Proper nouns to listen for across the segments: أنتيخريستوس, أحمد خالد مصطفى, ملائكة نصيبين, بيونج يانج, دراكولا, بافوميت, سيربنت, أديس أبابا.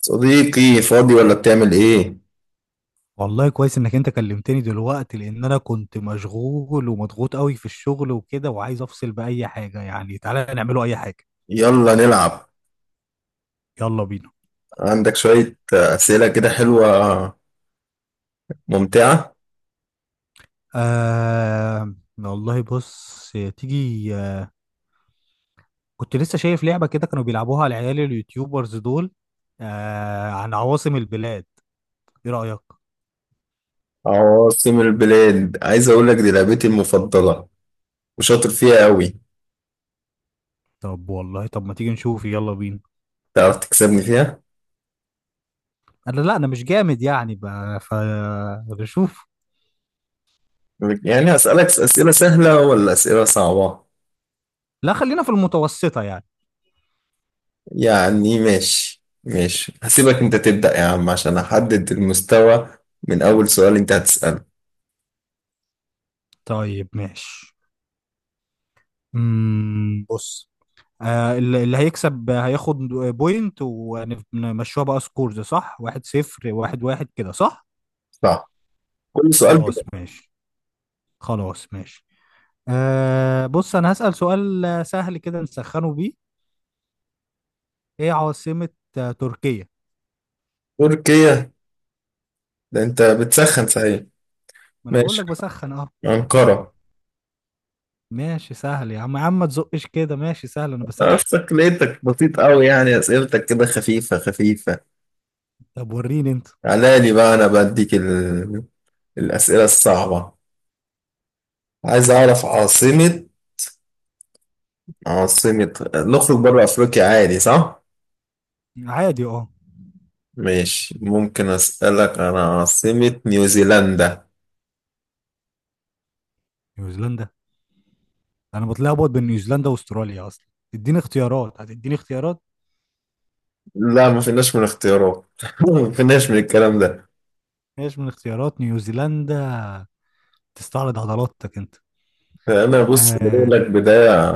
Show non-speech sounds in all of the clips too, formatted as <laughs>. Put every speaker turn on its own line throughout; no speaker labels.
صديقي فاضي ولا بتعمل ايه؟
والله كويس انك انت كلمتني دلوقتي لان انا كنت مشغول ومضغوط قوي في الشغل وكده، وعايز افصل باي حاجه يعني. تعالى نعمله اي حاجه.
يلا نلعب.
يلا بينا.
عندك شوية أسئلة كده حلوة، ممتعة.
آه والله بص، تيجي. كنت لسه شايف لعبه كده كانوا بيلعبوها العيال اليوتيوبرز دول، آه عن عواصم البلاد. ايه رايك؟
عواصم البلاد؟ عايز أقولك دي لعبتي المفضلة وشاطر فيها قوي.
طب والله، طب ما تيجي نشوف، يلا بينا.
تعرف تكسبني فيها؟
انا لا، انا مش جامد يعني بقى، فنشوف.
يعني هسألك أسئلة سهلة ولا أسئلة صعبة؟
لا خلينا في المتوسطه يعني.
يعني ماشي، هسيبك أنت تبدأ يا عم عشان أحدد المستوى من أول سؤال أنت هتسأله.
طيب ماشي. بص، اللي هيكسب هياخد بوينت، ونمشوها بقى سكورز، صح؟ واحد صفر، واحد واحد كده، صح.
صح، كل سؤال
خلاص
بدأ.
ماشي. خلاص ماشي. آه بص، انا هسأل سؤال سهل كده نسخنه بيه. ايه عاصمة تركيا؟
تركيا؟ ده أنت
يعني
بتسخن صحيح.
ما انا بقول
ماشي،
لك بسخن، اه.
أنقرة.
ماشي سهل يا عم، يا عم ما تزقش كده، ماشي سهل، انا بسخن.
عرفتك، لقيتك بسيط قوي، يعني اسئلتك كده خفيفة خفيفة.
طب وريني انت.
على لي بقى، انا بديك الاسئلة الصعبة. عايز اعرف عاصمة، عاصمة، نخرج بره افريقيا عادي صح؟
عادي اه.
ماشي، ممكن اسألك انا عاصمة نيوزيلندا.
نيوزيلندا، انا بتلخبط بين نيوزيلندا واستراليا اصلا. اديني اختيارات، هتديني اختيارات؟
لا ما فيناش من اختيارات <laughs> ما فيناش من الكلام ده.
ماشي من اختيارات نيوزيلندا، تستعرض عضلاتك انت.
انا بص بقول
آه.
لك بداية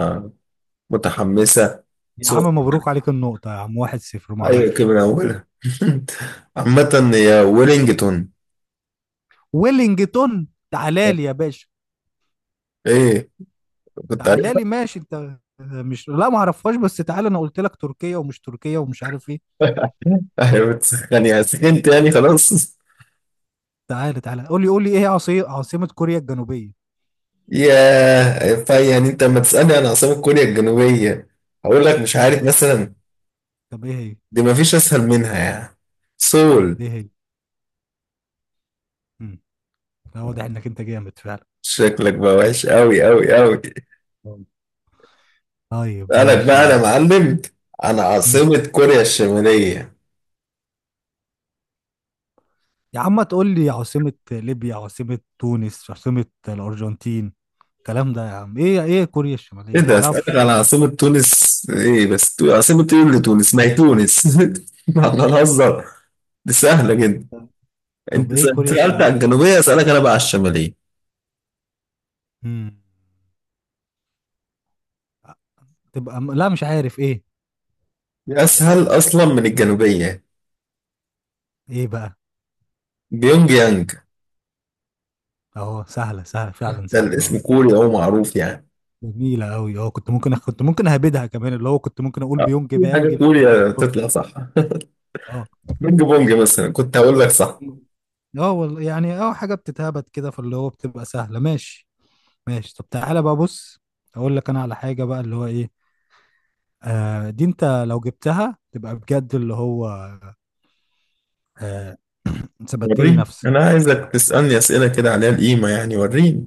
متحمسة.
يا عم
صوت!
مبروك عليك النقطة يا عم، واحد صفر، ما
ايوه كده من
اعرفش.
اولها. <laughs> عامة هي ويلينجتون.
ويلينجتون، تعالى لي يا باشا.
ايه، كنت
تعالى
عارفها.
لي ماشي، انت مش، لا ما اعرفهاش، بس تعالى، انا قلت لك تركيا ومش تركيا ومش عارف ايه.
<laughs> ايوه بتسخني، سخنت يعني خلاص.
تعالى تعالى، قول لي قول لي، ايه هي عاصمة كوريا الجنوبية؟
ياه، فا يعني انت لما تسألني عن عاصمة كوريا الجنوبية هقول لك مش
امم
عارف مثلا؟
طب ايه هي؟
دي مفيش اسهل منها يعني. سول.
ايه هي؟ امم لا، واضح انك انت جامد فعلا.
شكلك بقى وحش قوي قوي قوي.
طيب
اسألك بقى
ماشي.
انا معلم عن
مم.
عاصمة كوريا الشمالية.
يا عم تقول لي عاصمة ليبيا، عاصمة تونس، عاصمة الأرجنتين، الكلام ده يا عم، ايه؟ ايه كوريا
ايه
الشمالية،
ده؟ اسألك
معرفش.
عن عاصمة تونس؟ ايه بس عاصمة ايه اللي تونس؟ ما هي تونس. <laughs> احنا نهزر، دي سهلة جدا.
طب
انت
ايه كوريا
سألت عن
الشمالية؟
الجنوبية، اسألك انا بقى على الشمالية.
امم تبقى لا مش عارف ايه.
أسهل أصلا من الجنوبية.
ايه بقى؟
بيونج يانج.
اهو، سهلة سهلة فعلا،
ده
سهلة
الاسم
اه.
كوري أو معروف يعني.
جميلة قوي اه، كنت ممكن كنت ممكن اهبدها كمان، اللي هو كنت ممكن اقول
أه،
بيونج
أي
بيانج،
حاجة
بتيجي
كوريا
بالصدفة.
تطلع صح.
اه.
بينج بونج مثلا كنت هقول لك صح.
اه والله يعني، اه حاجة بتتهبد كده، فاللي هو بتبقى سهلة، ماشي. ماشي طب، تعالى بقى بص، اقول لك انا على حاجة بقى، اللي هو ايه. آه دي انت لو جبتها تبقى بجد، اللي هو. آه. <clears throat> ثبتت لي
وريني
نفسك.
أنا، عايزك تسألني أسئلة كده عليها القيمة يعني، وريني.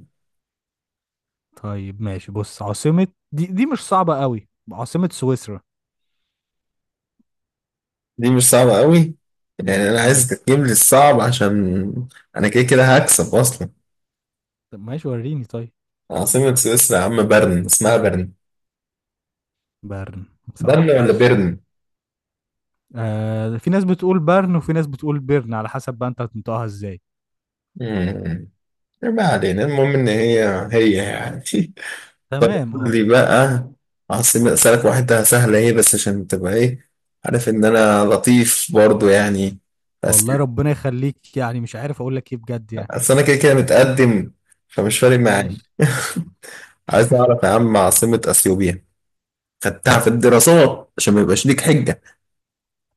طيب ماشي بص، عاصمة، دي مش صعبة قوي، عاصمة سويسرا.
دي مش صعبة قوي. يعني أنا
امم
عايزك تجيب لي الصعب عشان أنا كده كده هكسب أصلا.
طب ماشي وريني طيب.
عاصمة سويسرا يا عم برن، اسمها برن.
برن،
برن
صح
ولا
ماشي.
بيرن؟
آه، في ناس بتقول برن وفي ناس بتقول بيرن، على حسب بقى انت هتنطقها ازاي.
امم ما علينا، المهم إن هي هي يعني. <laughs> طيب
تمام
قول
اه.
لي بقى عاصمة، أسألك واحدة سهلة ايه بس عشان تبقى ايه، عارف إن أنا لطيف برضو يعني. بس
والله ربنا يخليك، يعني مش عارف اقول لك ايه بجد يعني.
أصل أنا كده كده متقدم، فمش فارق معايا.
ماشي.
<laughs> عايز أعرف يا عم عاصمة أثيوبيا. خدتها في الدراسات عشان ما يبقاش ليك حجة.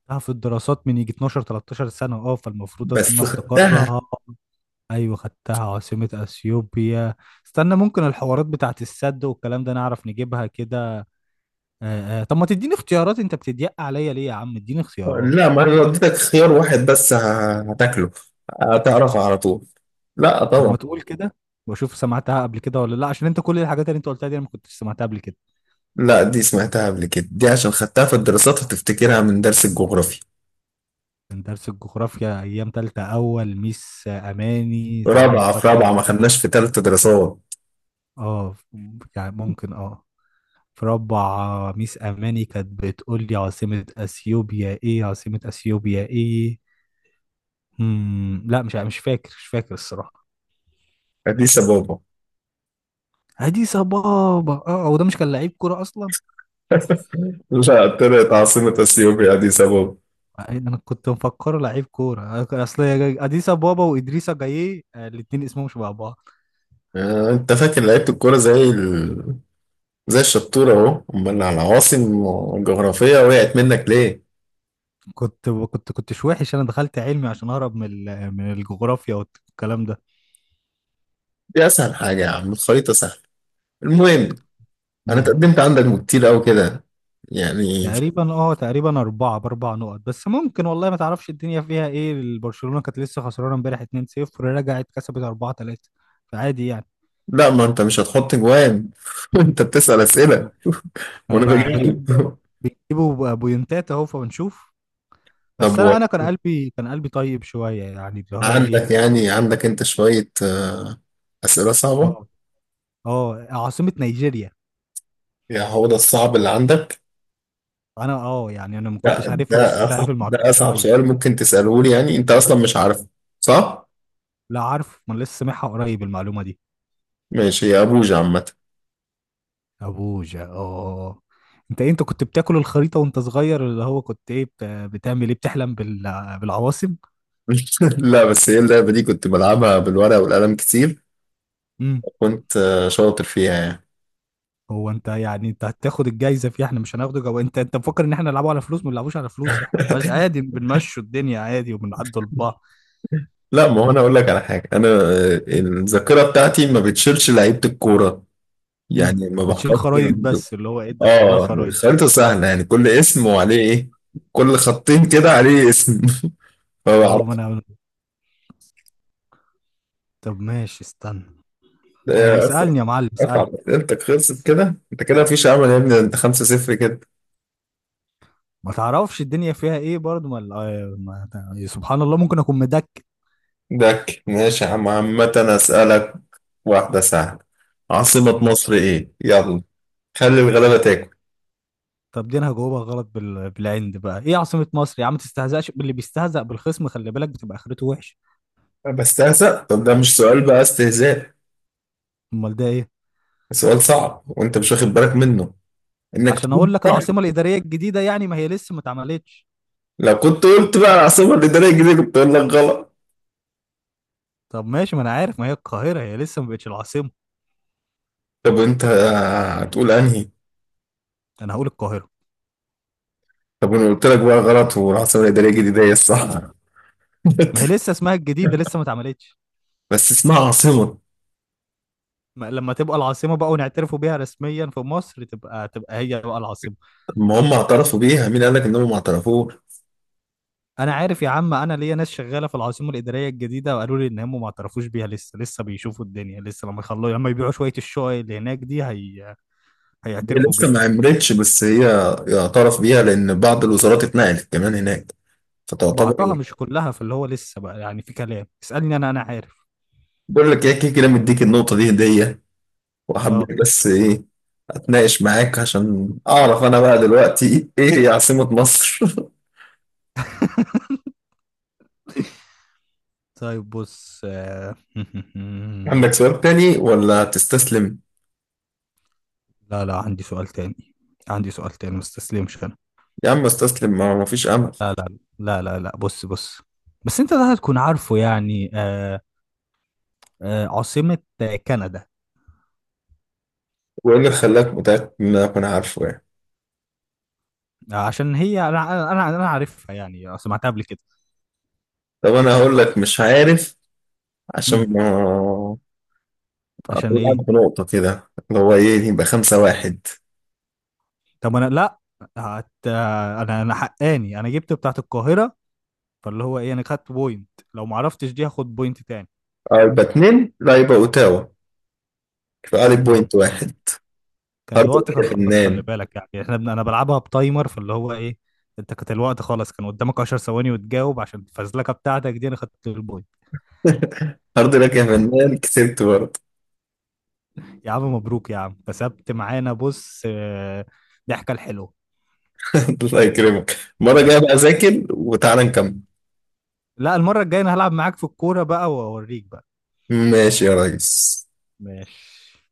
خدتها في الدراسات من يجي 12 13 سنة، اه، فالمفروض ان أنا
بس خدتها.
افتكرها. ايوه خدتها، عاصمة اثيوبيا، استنى، ممكن الحوارات بتاعت السد والكلام ده نعرف نجيبها كده. آه آه. طب ما تديني اختيارات، انت بتضيق عليا ليه يا عم، اديني اختيارات.
لا ما أنا لو اديتك خيار واحد بس هتاكله، هتعرفها على طول. لا
طب
طبعا.
ما تقول كده، واشوف سمعتها قبل كده ولا لا، عشان انت كل الحاجات اللي انت قلتها دي انا ما كنتش سمعتها قبل كده.
لا دي سمعتها قبل كده، دي عشان خدتها في الدراسات وتفتكرها من درس الجغرافيا.
كان درس الجغرافيا ايام تالتة، اول ميس اماني،
في
تعال
رابعة، في
نفتكر
رابعة، ما
كده،
خدناش في تالتة دراسات.
اه. يعني ممكن اه، في رابعة، ميس اماني كانت بتقول لي عاصمة اثيوبيا ايه، عاصمة اثيوبيا ايه. لا، مش فاكر، مش فاكر الصراحة.
أديس أبابا.
ادي صبابة، اه، وده مش كان لعيب كورة اصلا؟
<laughs> لا طلعت عاصمة أثيوبيا أديس أبابا.
إيه، انا كنت مفكره لعيب كوره. أنا اصل اديسا بابا وادريسا جايه، الاتنين اسمهم شبه بعض.
آه، أنت فاكر لعيبة الكورة زي زي الشطورة أهو، أمال العواصم الجغرافية وقعت منك ليه؟
كنت كنتش وحش، انا دخلت علمي عشان اهرب من من الجغرافيا والكلام ده.
دي أسهل حاجة يا عم، الخريطة سهلة. المهم، أنا
امم.
تقدمت عندك كتير أوي كده يعني.
تقريبا اه، تقريبا اربعه باربع نقط، بس ممكن، والله ما تعرفش الدنيا فيها ايه، برشلونه كانت لسه خسرانه امبارح 2-0، رجعت كسبت 4-3، فعادي يعني.
لا ما أنت مش هتحط جوان. <laughs> أنت بتسأل أسئلة
انا
وأنا
بقى
بجاوب.
بجيب، بيجيبوا بوينتات اهو، فبنشوف.
<laughs>
بس
طب
انا، انا كان قلبي طيب شويه يعني، اللي هو ايه.
عندك يعني، عندك أنت شوية أسئلة صعبة؟
اه. اه عاصمة نيجيريا.
يعني هو ده الصعب اللي عندك؟
انا اه يعني، انا ما
لا
كنتش عارفها
ده
ولسه
أصعب،
عارف المعلومة
ده أصعب
قريب.
سؤال ممكن تسأله لي، يعني أنت أصلا مش عارفه صح؟
لا عارف، ما أنا لسه سامعها قريب المعلومة دي.
ماشي يا أبوجة. عامة،
ابوجا اه، آه. آه. انت إيه، انت كنت بتاكل الخريطة وانت صغير، اللي هو كنت ايه، بتعمل ايه، بتحلم بالعواصم.
<laughs> لا بس هي اللعبة دي كنت بلعبها بالورقة والقلم كتير.
امم.
كنت شاطر فيها يعني.
هو انت يعني، انت هتاخد الجايزة فيها؟ احنا مش هناخده جو، انت انت مفكر ان احنا نلعبه على فلوس؟ ما نلعبوش على فلوس، احنا مش عادي
<laughs>
بنمشوا الدنيا عادي وبنعدوا لبعض.
لا ما هو أنا أقول لك على حاجة، أنا
أمم،
الذاكرة بتاعتي ما بتشيلش لعيبة الكورة.
أمم.
يعني ما
بتشيل
بحفظش
خرايط
لعيبة.
بس، اللي هو ايه، تدخلها
آه
خرايط.
الخريطة سهلة يعني، كل اسم وعليه إيه، كل خطين كده عليه اسم.
اه
<laughs>
ما انا، طب ماشي استنى.
فبعرف.
اسألني يا معلم، اسألني.
اتعب، اسئلتك خلصت كده، انت كده مفيش امل يا ابني، انت 5-0 كده.
ما تعرفش الدنيا فيها ايه برضه، ما ما سبحان الله، ممكن اكون مدك.
دك، ماشي يا عم. عامة اسألك واحدة سهلة، عاصمة
مم.
مصر ايه؟ يلا، خلي الغلابة تاكل.
طب دي انا هجاوبها غلط بالعند بقى. ايه عاصمة مصر يا عم، ما تستهزأش، اللي بيستهزأ بالخصم خلي بالك بتبقى اخرته وحش.
بس هسأل، طب ده مش سؤال بقى، استهزاء ده
امال ده ايه؟
سؤال صعب وانت مش واخد بالك منه، انك
عشان
تقول
اقول لك
<laughs> سهل.
العاصمة الإدارية الجديدة يعني، ما هي لسه ما اتعملتش.
لو كنت قلت بقى العاصمة الإدارية الجديدة كنت اقول لك غلط.
طب ماشي، ما انا عارف، ما هي القاهرة، هي لسه ما بقتش العاصمة.
طب انت هتقول انهي؟
انا هقول القاهرة.
طب انا قلت لك بقى غلط، والعاصمة الإدارية الجديدة هي الصح.
ما هي لسه اسمها الجديدة، لسه
<laughs>
ما اتعملتش.
بس اسمها عاصمة.
لما تبقى العاصمة بقى ونعترفوا بيها رسميا في مصر، تبقى، تبقى هي بقى العاصمة.
ما هم اعترفوا بيها، مين قال لك انهم ما اعترفوش؟
انا عارف يا عم، انا ليا ناس شغاله في العاصمه الاداريه الجديده وقالوا لي ان هم ما اعترفوش بيها لسه، لسه بيشوفوا الدنيا، لسه لما يخلوا، لما يبيعوا شويه الشقق اللي هناك دي، هي
هي
هيعترفوا
لسه
بيها.
ما عملتش بس هي يعترف بيها لان بعض الوزارات اتنقلت كمان هناك،
بعضها
فتعتبر.
مش كلها، فاللي هو لسه بقى يعني في كلام، اسالني، انا انا عارف.
بقول لك ايه، كده كده مديك النقطه دي هديه،
اه.
وحبيت بس ايه، اتناقش معاك عشان اعرف انا بقى دلوقتي ايه هي عاصمه مصر.
<laughs> طيب بص،
<laughs> عندك
<laughs>
سؤال تاني ولا تستسلم؟
لا لا، عندي سؤال تاني، عندي سؤال تاني، ما استسلمش انا.
يا عم استسلم، ما ما فيش امل.
لا لا لا، بص بص، بس انت ده هتكون عارفه يعني. آه. آه عاصمة كندا.
وايه اللي خلاك متاكد ان انا اكون عارفه يعني؟
عشان هي، انا عارفها يعني، سمعتها قبل كده.
طب انا هقول لك مش عارف،
امم.
عشان ما
عشان ايه؟
طلعت بنقطة كده، اللي هو ايه يبقى 5-1.
طب انا لا. انا انا حقاني، انا جبت بتاعت القاهرة، فاللي هو ايه، انا خدت بوينت، لو ما عرفتش دي هاخد بوينت تاني.
اه يبقى اتنين، لا يبقى اوتاوا، يبقى عليك
امم.
بوينت واحد.
كان
هارد
الوقت
لك
كان
يا
خلاص، خلي
فنان.
بالك يعني، احنا انا بلعبها بتايمر، فاللي هو ايه، انت كانت الوقت خلاص كان قدامك 10 ثواني وتجاوب، عشان الفزلكه بتاعتك دي انا خدت البوينت.
<laughs> هارد لك يا فنان، كسبت برضه.
يا عم مبروك يا عم، كسبت معانا بص، ضحكه الحلوه.
<laughs> الله يكرمك، المرة الجاية بقى أذاكر وتعالى نكمل.
لا، المره الجايه انا هلعب معاك في الكوره بقى واوريك بقى.
ماشي يا ريس.
ماشي.